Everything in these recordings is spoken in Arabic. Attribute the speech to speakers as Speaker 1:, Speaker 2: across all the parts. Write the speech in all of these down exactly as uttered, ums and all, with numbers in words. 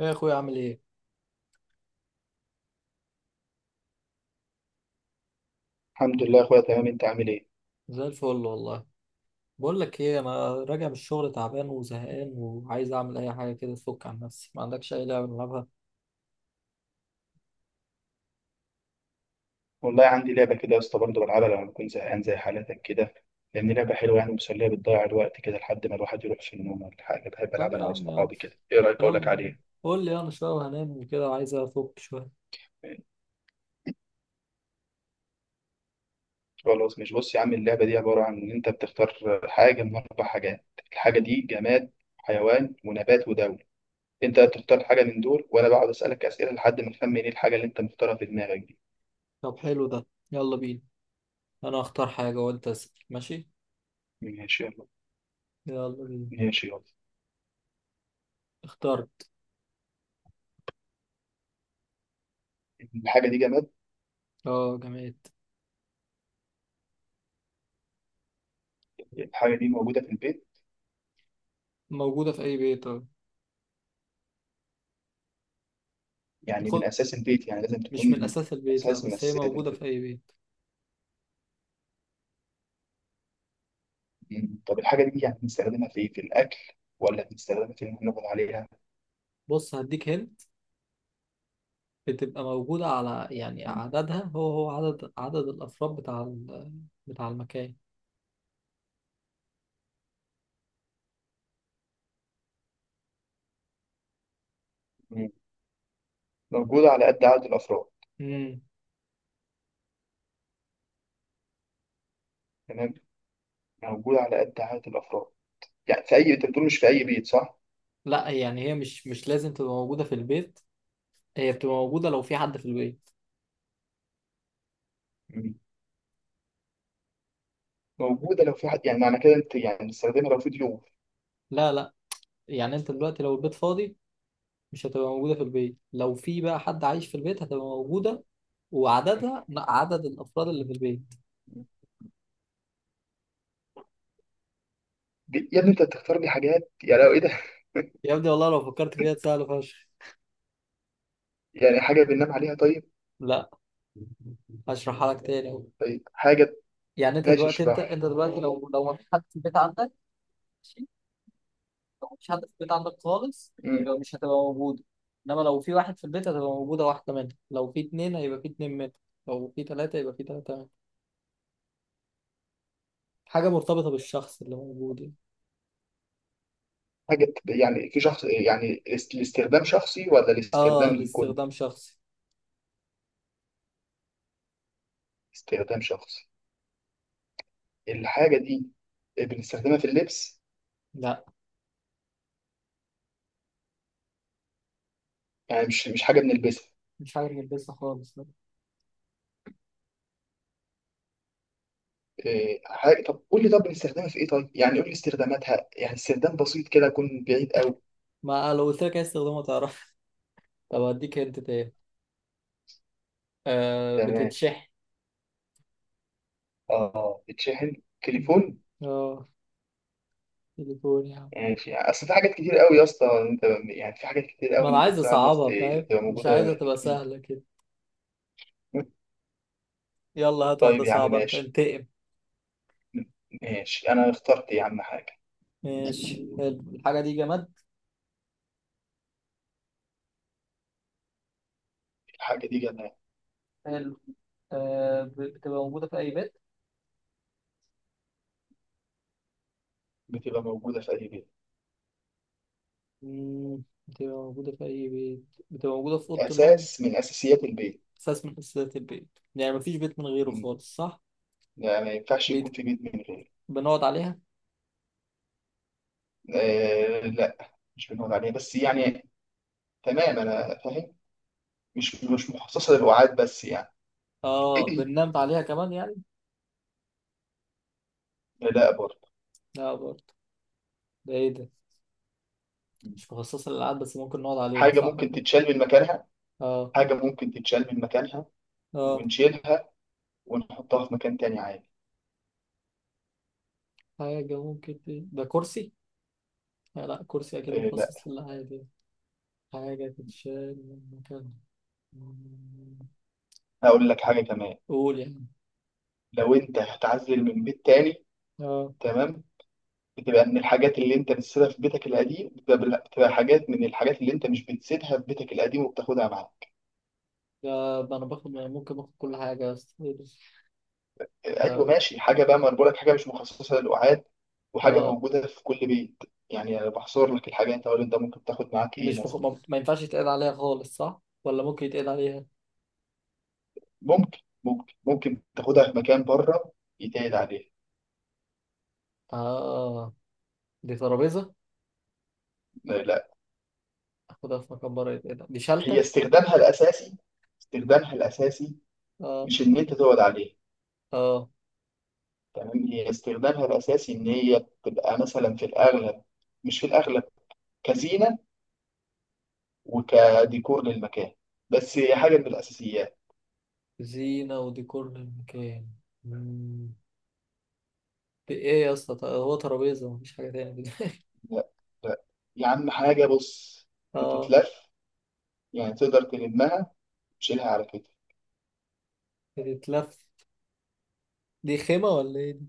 Speaker 1: ايه يا اخويا؟ عامل ايه؟
Speaker 2: الحمد لله يا اخويا، تمام. انت عامل ايه؟
Speaker 1: زي الفل والله. بقول لك ايه، انا راجع من الشغل تعبان وزهقان وعايز اعمل اي حاجه كده تفك عن نفسي. ما عندكش اي لعبه نلعبها؟
Speaker 2: والله عندي لعبه كده يا اسطى، برضه بلعبها لما بكون زهقان زي حالتك كده. لان لعبه حلوه يعني مسليه، بتضيع الوقت كده لحد ما الواحد يروح في النوم ولا حاجه. بحب
Speaker 1: طب
Speaker 2: العبها
Speaker 1: يا
Speaker 2: انا
Speaker 1: عم يلا.
Speaker 2: واصحابي كده. ايه رايك اقول لك
Speaker 1: يلا
Speaker 2: عليها؟
Speaker 1: قول لي، انا شويه وهنام وكده، عايز افك شويه.
Speaker 2: خلاص. مش بص يا عم، اللعبه دي عباره عن ان انت بتختار حاجه من اربع حاجات. الحاجه دي جماد، حيوان، ونبات، ودولة. انت بتختار حاجه من دول وانا بقعد اسالك اسئله لحد ما نخمن ايه الحاجه اللي انت مختارها في دماغك دي.
Speaker 1: طب حلو ده، يلا بينا. انا اختار حاجه وانت اسال، ماشي؟
Speaker 2: ماشي يلا.
Speaker 1: يلا بينا.
Speaker 2: ماشي يلا.
Speaker 1: اخترت.
Speaker 2: الحاجه دي جماد.
Speaker 1: اه جماد.
Speaker 2: الحاجه دي موجوده في البيت.
Speaker 1: موجوده في اي بيت، اه.
Speaker 2: يعني من
Speaker 1: خد،
Speaker 2: اساس البيت، يعني لازم
Speaker 1: مش من
Speaker 2: تكون.
Speaker 1: اساس البيت لا،
Speaker 2: اساس من
Speaker 1: بس هي
Speaker 2: اساسيات
Speaker 1: موجوده في
Speaker 2: البيت.
Speaker 1: اي بيت.
Speaker 2: مم. طب الحاجه دي يعني بنستخدمها في ايه؟ في الاكل ولا بنستخدمها في ان احنا نقعد عليها؟
Speaker 1: بص هديك هنا، بتبقى موجودة على، يعني عددها هو هو عدد عدد الأفراد بتاع ال- بتاع المكان.
Speaker 2: مم. موجوده على قد عدد الافراد.
Speaker 1: مم.
Speaker 2: تمام. موجوده على قد عدد الافراد. يعني في اي، انت بتقول مش في اي بيت، صح؟
Speaker 1: لا، يعني هي مش مش لازم تبقى موجودة في البيت، هي بتبقى موجودة لو في حد في البيت.
Speaker 2: مم. موجوده لو في حد، يعني معنى كده انت يعني بنستخدمها لو في ضيوف؟
Speaker 1: لا لا، يعني أنت دلوقتي لو البيت فاضي مش هتبقى موجودة في البيت، لو في بقى حد عايش في البيت هتبقى موجودة، وعددها عدد الأفراد اللي في البيت.
Speaker 2: دي- يا ابني انت بتختار لي حاجات، يعني لو ايه ده
Speaker 1: يا ابني والله لو فكرت فيها سهلة فشخ.
Speaker 2: يعني حاجه بننام عليها طيب؟
Speaker 1: لا، هشرحها لك تاني أهو.
Speaker 2: طيب حاجه.
Speaker 1: يعني أنت
Speaker 2: ماشي
Speaker 1: دلوقتي، أنت
Speaker 2: اشرح
Speaker 1: أنت دلوقتي لو لو ما في حد في البيت عندك مش هتبقى في البيت عندك خالص،
Speaker 2: لي. مم.
Speaker 1: يبقى مش هتبقى موجودة. إنما لو في واحد في البيت هتبقى موجودة واحدة منها، لو في اتنين هيبقى في اتنين منها، لو في تلاتة يبقى في تلاتة منها. حاجة مرتبطة بالشخص اللي موجود يعني.
Speaker 2: حاجه يعني في شخص، يعني الاست- الاستخدام شخصي ولا
Speaker 1: آه،
Speaker 2: الاستخدام للكل؟
Speaker 1: لاستخدام شخصي.
Speaker 2: استخدام شخصي. الحاجة دي، آه، بنستخدمها في اللبس؟
Speaker 1: لا،
Speaker 2: يعني مش مش حاجة بنلبسها؟
Speaker 1: مش حاجة بنلبسها خالص لا.
Speaker 2: إيه، حاجة. طب قول لي، طب بنستخدمها في ايه طيب؟ يعني قول لي استخداماتها، يعني استخدام بسيط كده يكون بعيد قوي.
Speaker 1: ما آه، لو قلت لك عايز استخدامها تعرف. طب أديك هنت تاني. آه
Speaker 2: تمام.
Speaker 1: بتتشحن.
Speaker 2: اه بتشحن.
Speaker 1: مم.
Speaker 2: تليفون.
Speaker 1: آه، تليفون يا عم.
Speaker 2: ماشي. يعني في- اصل في حاجات كتير قوي يا اسطى انت. يعني في حاجات كتير
Speaker 1: ما
Speaker 2: قوي
Speaker 1: أنا
Speaker 2: انت
Speaker 1: عايز
Speaker 2: بتقول على الناس
Speaker 1: أصعبها
Speaker 2: ت-
Speaker 1: فاهم،
Speaker 2: تبقى
Speaker 1: مش
Speaker 2: موجودة
Speaker 1: عايزها
Speaker 2: في
Speaker 1: تبقى
Speaker 2: البيت
Speaker 1: سهلة كده. يلا هات واحدة
Speaker 2: طيب يا عم
Speaker 1: صعبة أنت،
Speaker 2: ماشي.
Speaker 1: انتقم.
Speaker 2: ماشي انا اخترت يا عم حاجة.
Speaker 1: ماشي، حلو. الحاجة دي جماد.
Speaker 2: الحاجة دي جنة.
Speaker 1: حلو. آه، ب- بتبقى موجودة في أي بيت.
Speaker 2: بتبقى موجودة في اي بيت.
Speaker 1: مم، بتبقى موجودة في أي بيت، بتبقى موجودة في أوضة النوم.
Speaker 2: اساس من اساسيات البيت.
Speaker 1: أساس من أساسيات البيت، يعني مفيش بيت من غيره خالص صح؟
Speaker 2: يعني ما ينفعش يكون
Speaker 1: بيت.
Speaker 2: في بيت من غير.
Speaker 1: بنقعد عليها؟
Speaker 2: آه لا، مش بنقعد عليه بس يعني. تمام انا فاهم. مش مش مخصصه للوعاد بس يعني.
Speaker 1: آه بننام عليها كمان يعني؟
Speaker 2: لا برضه.
Speaker 1: لا برضه. ده إيه ده؟ مش مخصصة للألعاب بس ممكن نقعد عليها
Speaker 2: حاجه
Speaker 1: صح
Speaker 2: ممكن
Speaker 1: كده.
Speaker 2: تتشال من مكانها.
Speaker 1: آه.
Speaker 2: حاجه ممكن تتشال من مكانها.
Speaker 1: آه.
Speaker 2: ونشيلها، ونحطها في مكان تاني عادي.
Speaker 1: حاجة ممكن دي. ده كرسي؟ لا لا، كرسي أكيد
Speaker 2: آه لا.
Speaker 1: مخصص للألعاب يعني. حاجة تتشال من مكان.
Speaker 2: هقول لك حاجه كمان.
Speaker 1: قول يعني.
Speaker 2: لو انت هتعزل من بيت تاني،
Speaker 1: آه.
Speaker 2: تمام، بتبقى من الحاجات اللي انت بتسيبها في بيتك القديم، بتبقى بتبقى حاجات من الحاجات اللي انت مش بتسيبها في بيتك القديم وبتاخدها معاك.
Speaker 1: ده أنا باخد يعني ممكن باخد كل حاجة يا أسطى.
Speaker 2: ايوه
Speaker 1: لا.
Speaker 2: ماشي حاجه بقى، ما انا بقول لك حاجه مش مخصصه للقعاد، وحاجه
Speaker 1: آه،
Speaker 2: موجوده في كل بيت. يعني انا بحصر لك الحاجه، انت قول انت ممكن تاخد معاك ايه
Speaker 1: مش بخ...
Speaker 2: مثلا.
Speaker 1: ما ما ينفعش يتقعد عليها خالص صح؟ ولا ممكن يتقعد عليها؟
Speaker 2: ممكن ممكن ممكن تاخدها في مكان بره يتقعد عليها.
Speaker 1: آه. دي ترابيزة.
Speaker 2: لا, لا.
Speaker 1: أخدها في مكان بره يتقعد، دي
Speaker 2: هي
Speaker 1: شالتة؟
Speaker 2: استخدامها الاساسي. استخدامها الاساسي.
Speaker 1: آه.
Speaker 2: مش ان انت تقعد عليها.
Speaker 1: آه.
Speaker 2: تمام. هي استخدامها الاساسي ان هي تبقى مثلا في الاغلب، مش في الاغلب، كزينه وكديكور للمكان. بس هي حاجه من الاساسيات.
Speaker 1: زينة وديكور للمكان. مم. دي إيه يا اسطى؟ ط- هو ترابيزة، مفيش حاجة تاني؟
Speaker 2: لا لا. يا عم حاجه، بص.
Speaker 1: آه.
Speaker 2: بتتلف. يعني تقدر تلمها، تشيلها على كتفك.
Speaker 1: بتتلف. دي خيمة ولا إيه دي؟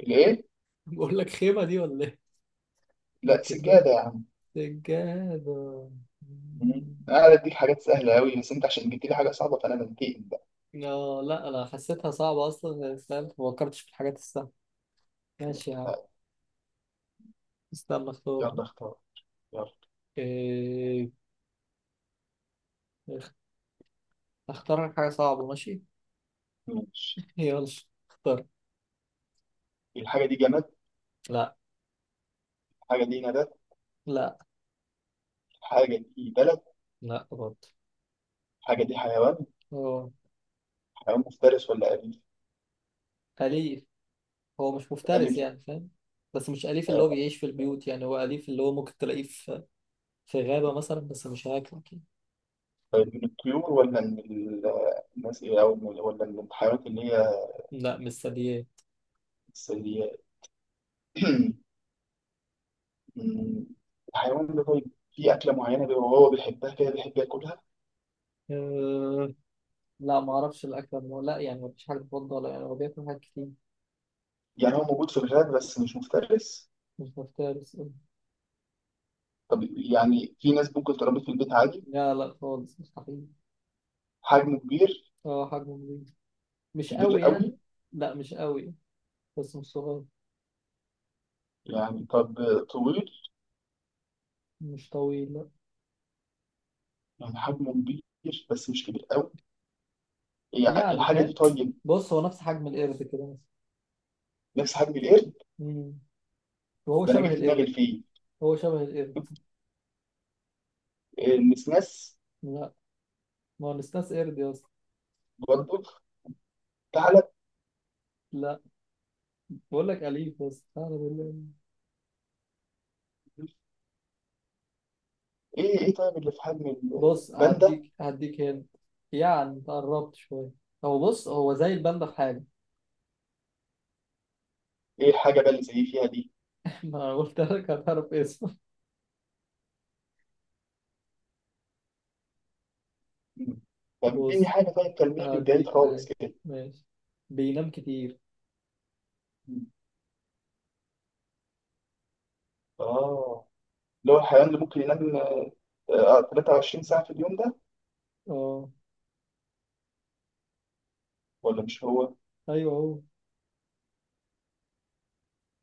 Speaker 2: الايه؟
Speaker 1: بقول لك خيمة دي ولا إيه؟ حاجة
Speaker 2: لا
Speaker 1: بتتلف.
Speaker 2: سجاده يا عم.
Speaker 1: سجادة.
Speaker 2: مم.
Speaker 1: مم.
Speaker 2: انا قاعد اديك حاجات سهله قوي، بس انت عشان جبت لي حاجه صعبه فانا بنتقم بقى.
Speaker 1: آه لا، أنا حسيتها صعبة أصلا يعني فاهم؟ ما فكرتش في الحاجات السهلة. ماشي يا عم،
Speaker 2: طيب،
Speaker 1: استنى اختار.
Speaker 2: يلا اختار. يلا.
Speaker 1: إيه، اختار لك حاجة صعبة، ماشي.
Speaker 2: ماشي.
Speaker 1: يلا اختار.
Speaker 2: الحاجه دي جماد.
Speaker 1: لا.
Speaker 2: الحاجه دي نبات.
Speaker 1: لا.
Speaker 2: الحاجه دي بلد.
Speaker 1: لا برضه.
Speaker 2: الحاجه دي حيوان.
Speaker 1: هو.
Speaker 2: حيوان مفترس ولا اليف؟
Speaker 1: أليف. هو مش مفترس
Speaker 2: اليف.
Speaker 1: يعني فاهم. بس مش أليف اللي هو
Speaker 2: آه،
Speaker 1: بيعيش في البيوت، يعني هو أليف اللي هو ممكن تلاقيه في، في غابة مثلا بس مش هياكلك يعني.
Speaker 2: من الطيور ولا من ال- آه، الناس، إيه، او من- ولا من الحيوانات اللي هي؟
Speaker 1: لا، مش ثدييات.
Speaker 2: الثدييات. مم. الحيوان ده طيب، في اكله معينه بيبقى هو بيحبها كده بيحب ياكلها؟
Speaker 1: أه... لا ما اعرفش الاكل، هو لا يعني ما فيش حاجه تفضل، يعني هو بياكل حاجات كتير.
Speaker 2: يعني هو موجود في الغابة بس مش مفترس.
Speaker 1: مش مفترس أه.
Speaker 2: طب يعني في ناس ممكن تربي في البيت عادي؟
Speaker 1: لا لا، خالص مستحيل.
Speaker 2: حجمه كبير.
Speaker 1: اه حجمه كبير. مش
Speaker 2: كبير
Speaker 1: قوي
Speaker 2: قوي.
Speaker 1: يعني. لا مش قوي، بس مش صغير.
Speaker 2: يعني طب. طويل.
Speaker 1: مش طويل.
Speaker 2: يعني حجمه كبير بس مش كبير قوي. يعني
Speaker 1: يعني
Speaker 2: الحاجة دي
Speaker 1: فاهم،
Speaker 2: طيب؟
Speaker 1: بص هو نفس حجم القرد كده مثلا.
Speaker 2: نفس حجم القرد.
Speaker 1: مم. وهو
Speaker 2: ده أنا جه
Speaker 1: شبه
Speaker 2: في دماغي
Speaker 1: القرد.
Speaker 2: الفيل.
Speaker 1: هو شبه القرد.
Speaker 2: النسناس.
Speaker 1: لا، ما هو نستاس قرد يا اسطى.
Speaker 2: برضه. تعالى.
Speaker 1: لا، بقول لك أليف بس أعلى بالله.
Speaker 2: إيه إيه. طيب اللي في حجم
Speaker 1: بص،
Speaker 2: الباندا.
Speaker 1: هديك هديك هنا. يعني تقربت شوية. هو بص، هو زي الباندا في حاجة.
Speaker 2: إيه حاجة بقى اللي زي فيها دي؟
Speaker 1: ما أنا قلت لك هتعرف اسمه.
Speaker 2: مم. طب إديني
Speaker 1: بص
Speaker 2: حاجة طيب تلميح من بعيد
Speaker 1: هديك
Speaker 2: خالص
Speaker 1: حاجة.
Speaker 2: كده.
Speaker 1: ماشي. بينام كتير.
Speaker 2: مم. آه. اللي هو الحيوان اللي ممكن ينام آه، آه، تلاتة وعشرين ساعة في اليوم ده؟
Speaker 1: اه.
Speaker 2: ولا مش هو؟
Speaker 1: ايوه هو.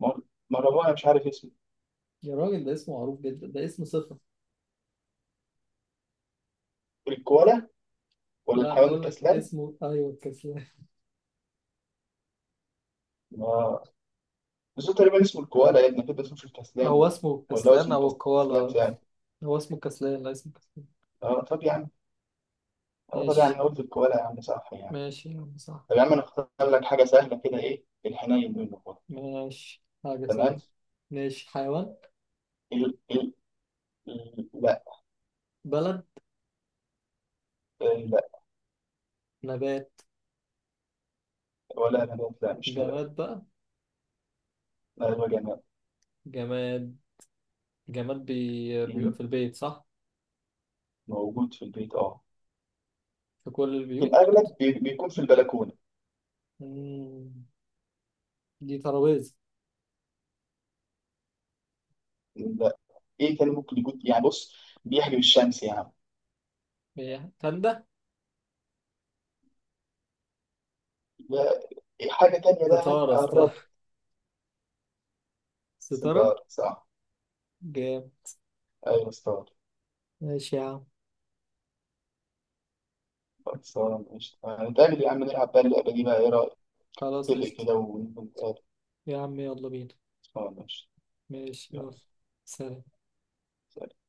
Speaker 2: ما ما هو أنا مش عارف اسمه.
Speaker 1: يا راجل ده اسمه معروف جدا، ده اسم صفة.
Speaker 2: الكوالا ولا
Speaker 1: لا،
Speaker 2: الحيوان
Speaker 1: بقول لك
Speaker 2: الكسلان؟
Speaker 1: اسمه ايوه الكسلان.
Speaker 2: اه. بس هو تقريبا اسمه الكوالا يعني أكيد، بس مش الكسلان
Speaker 1: هو
Speaker 2: يعني.
Speaker 1: اسمه
Speaker 2: ولا هو
Speaker 1: الكسلان
Speaker 2: اسمه
Speaker 1: او
Speaker 2: الكسلان
Speaker 1: الكوالا؟
Speaker 2: يعني.
Speaker 1: هو اسمه كسلان، لا اسمه كسلان.
Speaker 2: اه طب يا عم. اه طب يا عم
Speaker 1: ماشي.
Speaker 2: أنا قلت الكوالا يا عم صح يعني.
Speaker 1: ماشي يا عم صح.
Speaker 2: طب يا عم أنا أختار لك حاجة سهلة كده، إيه الحنين منه خالص.
Speaker 1: ماشي، حاجة سهلة.
Speaker 2: تمام؟
Speaker 1: ماشي. حيوان؟
Speaker 2: ال ال ال- لا.
Speaker 1: بلد؟
Speaker 2: ال- لا.
Speaker 1: نبات؟
Speaker 2: ولا نبات؟ لا مش نبات.
Speaker 1: جماد بقى.
Speaker 2: لا هو جماد.
Speaker 1: جماد. جماد بي... بيبقى
Speaker 2: مم.
Speaker 1: في البيت صح.
Speaker 2: موجود في البيت اه.
Speaker 1: في كل
Speaker 2: في
Speaker 1: البيوت.
Speaker 2: الأغلب بي- بيكون في البلكونة.
Speaker 1: مم. دي ترابيزة.
Speaker 2: لا. إيه تاني ممكن يكون؟ يعني بص، بيحجب الشمس يا عم.
Speaker 1: هي تندة.
Speaker 2: لا. إيه حاجة تانية بقى؟
Speaker 1: ستارة، ستارة.
Speaker 2: قرب.
Speaker 1: ستارة.
Speaker 2: صدار صح.
Speaker 1: جام.
Speaker 2: ايوه استاذ.
Speaker 1: ماشي يا عم.
Speaker 2: خلصانة ماشي. هنتقابل يا عم نلعب بقى اللعبة دي بقى، ايه رأيك؟
Speaker 1: خلاص
Speaker 2: اتفق
Speaker 1: قشطة.
Speaker 2: كده ونقعد.
Speaker 1: يا عم يلا بينا.
Speaker 2: خلصانة ماشي
Speaker 1: ماشي
Speaker 2: يلا.
Speaker 1: يلا. سلام.
Speaker 2: سلام.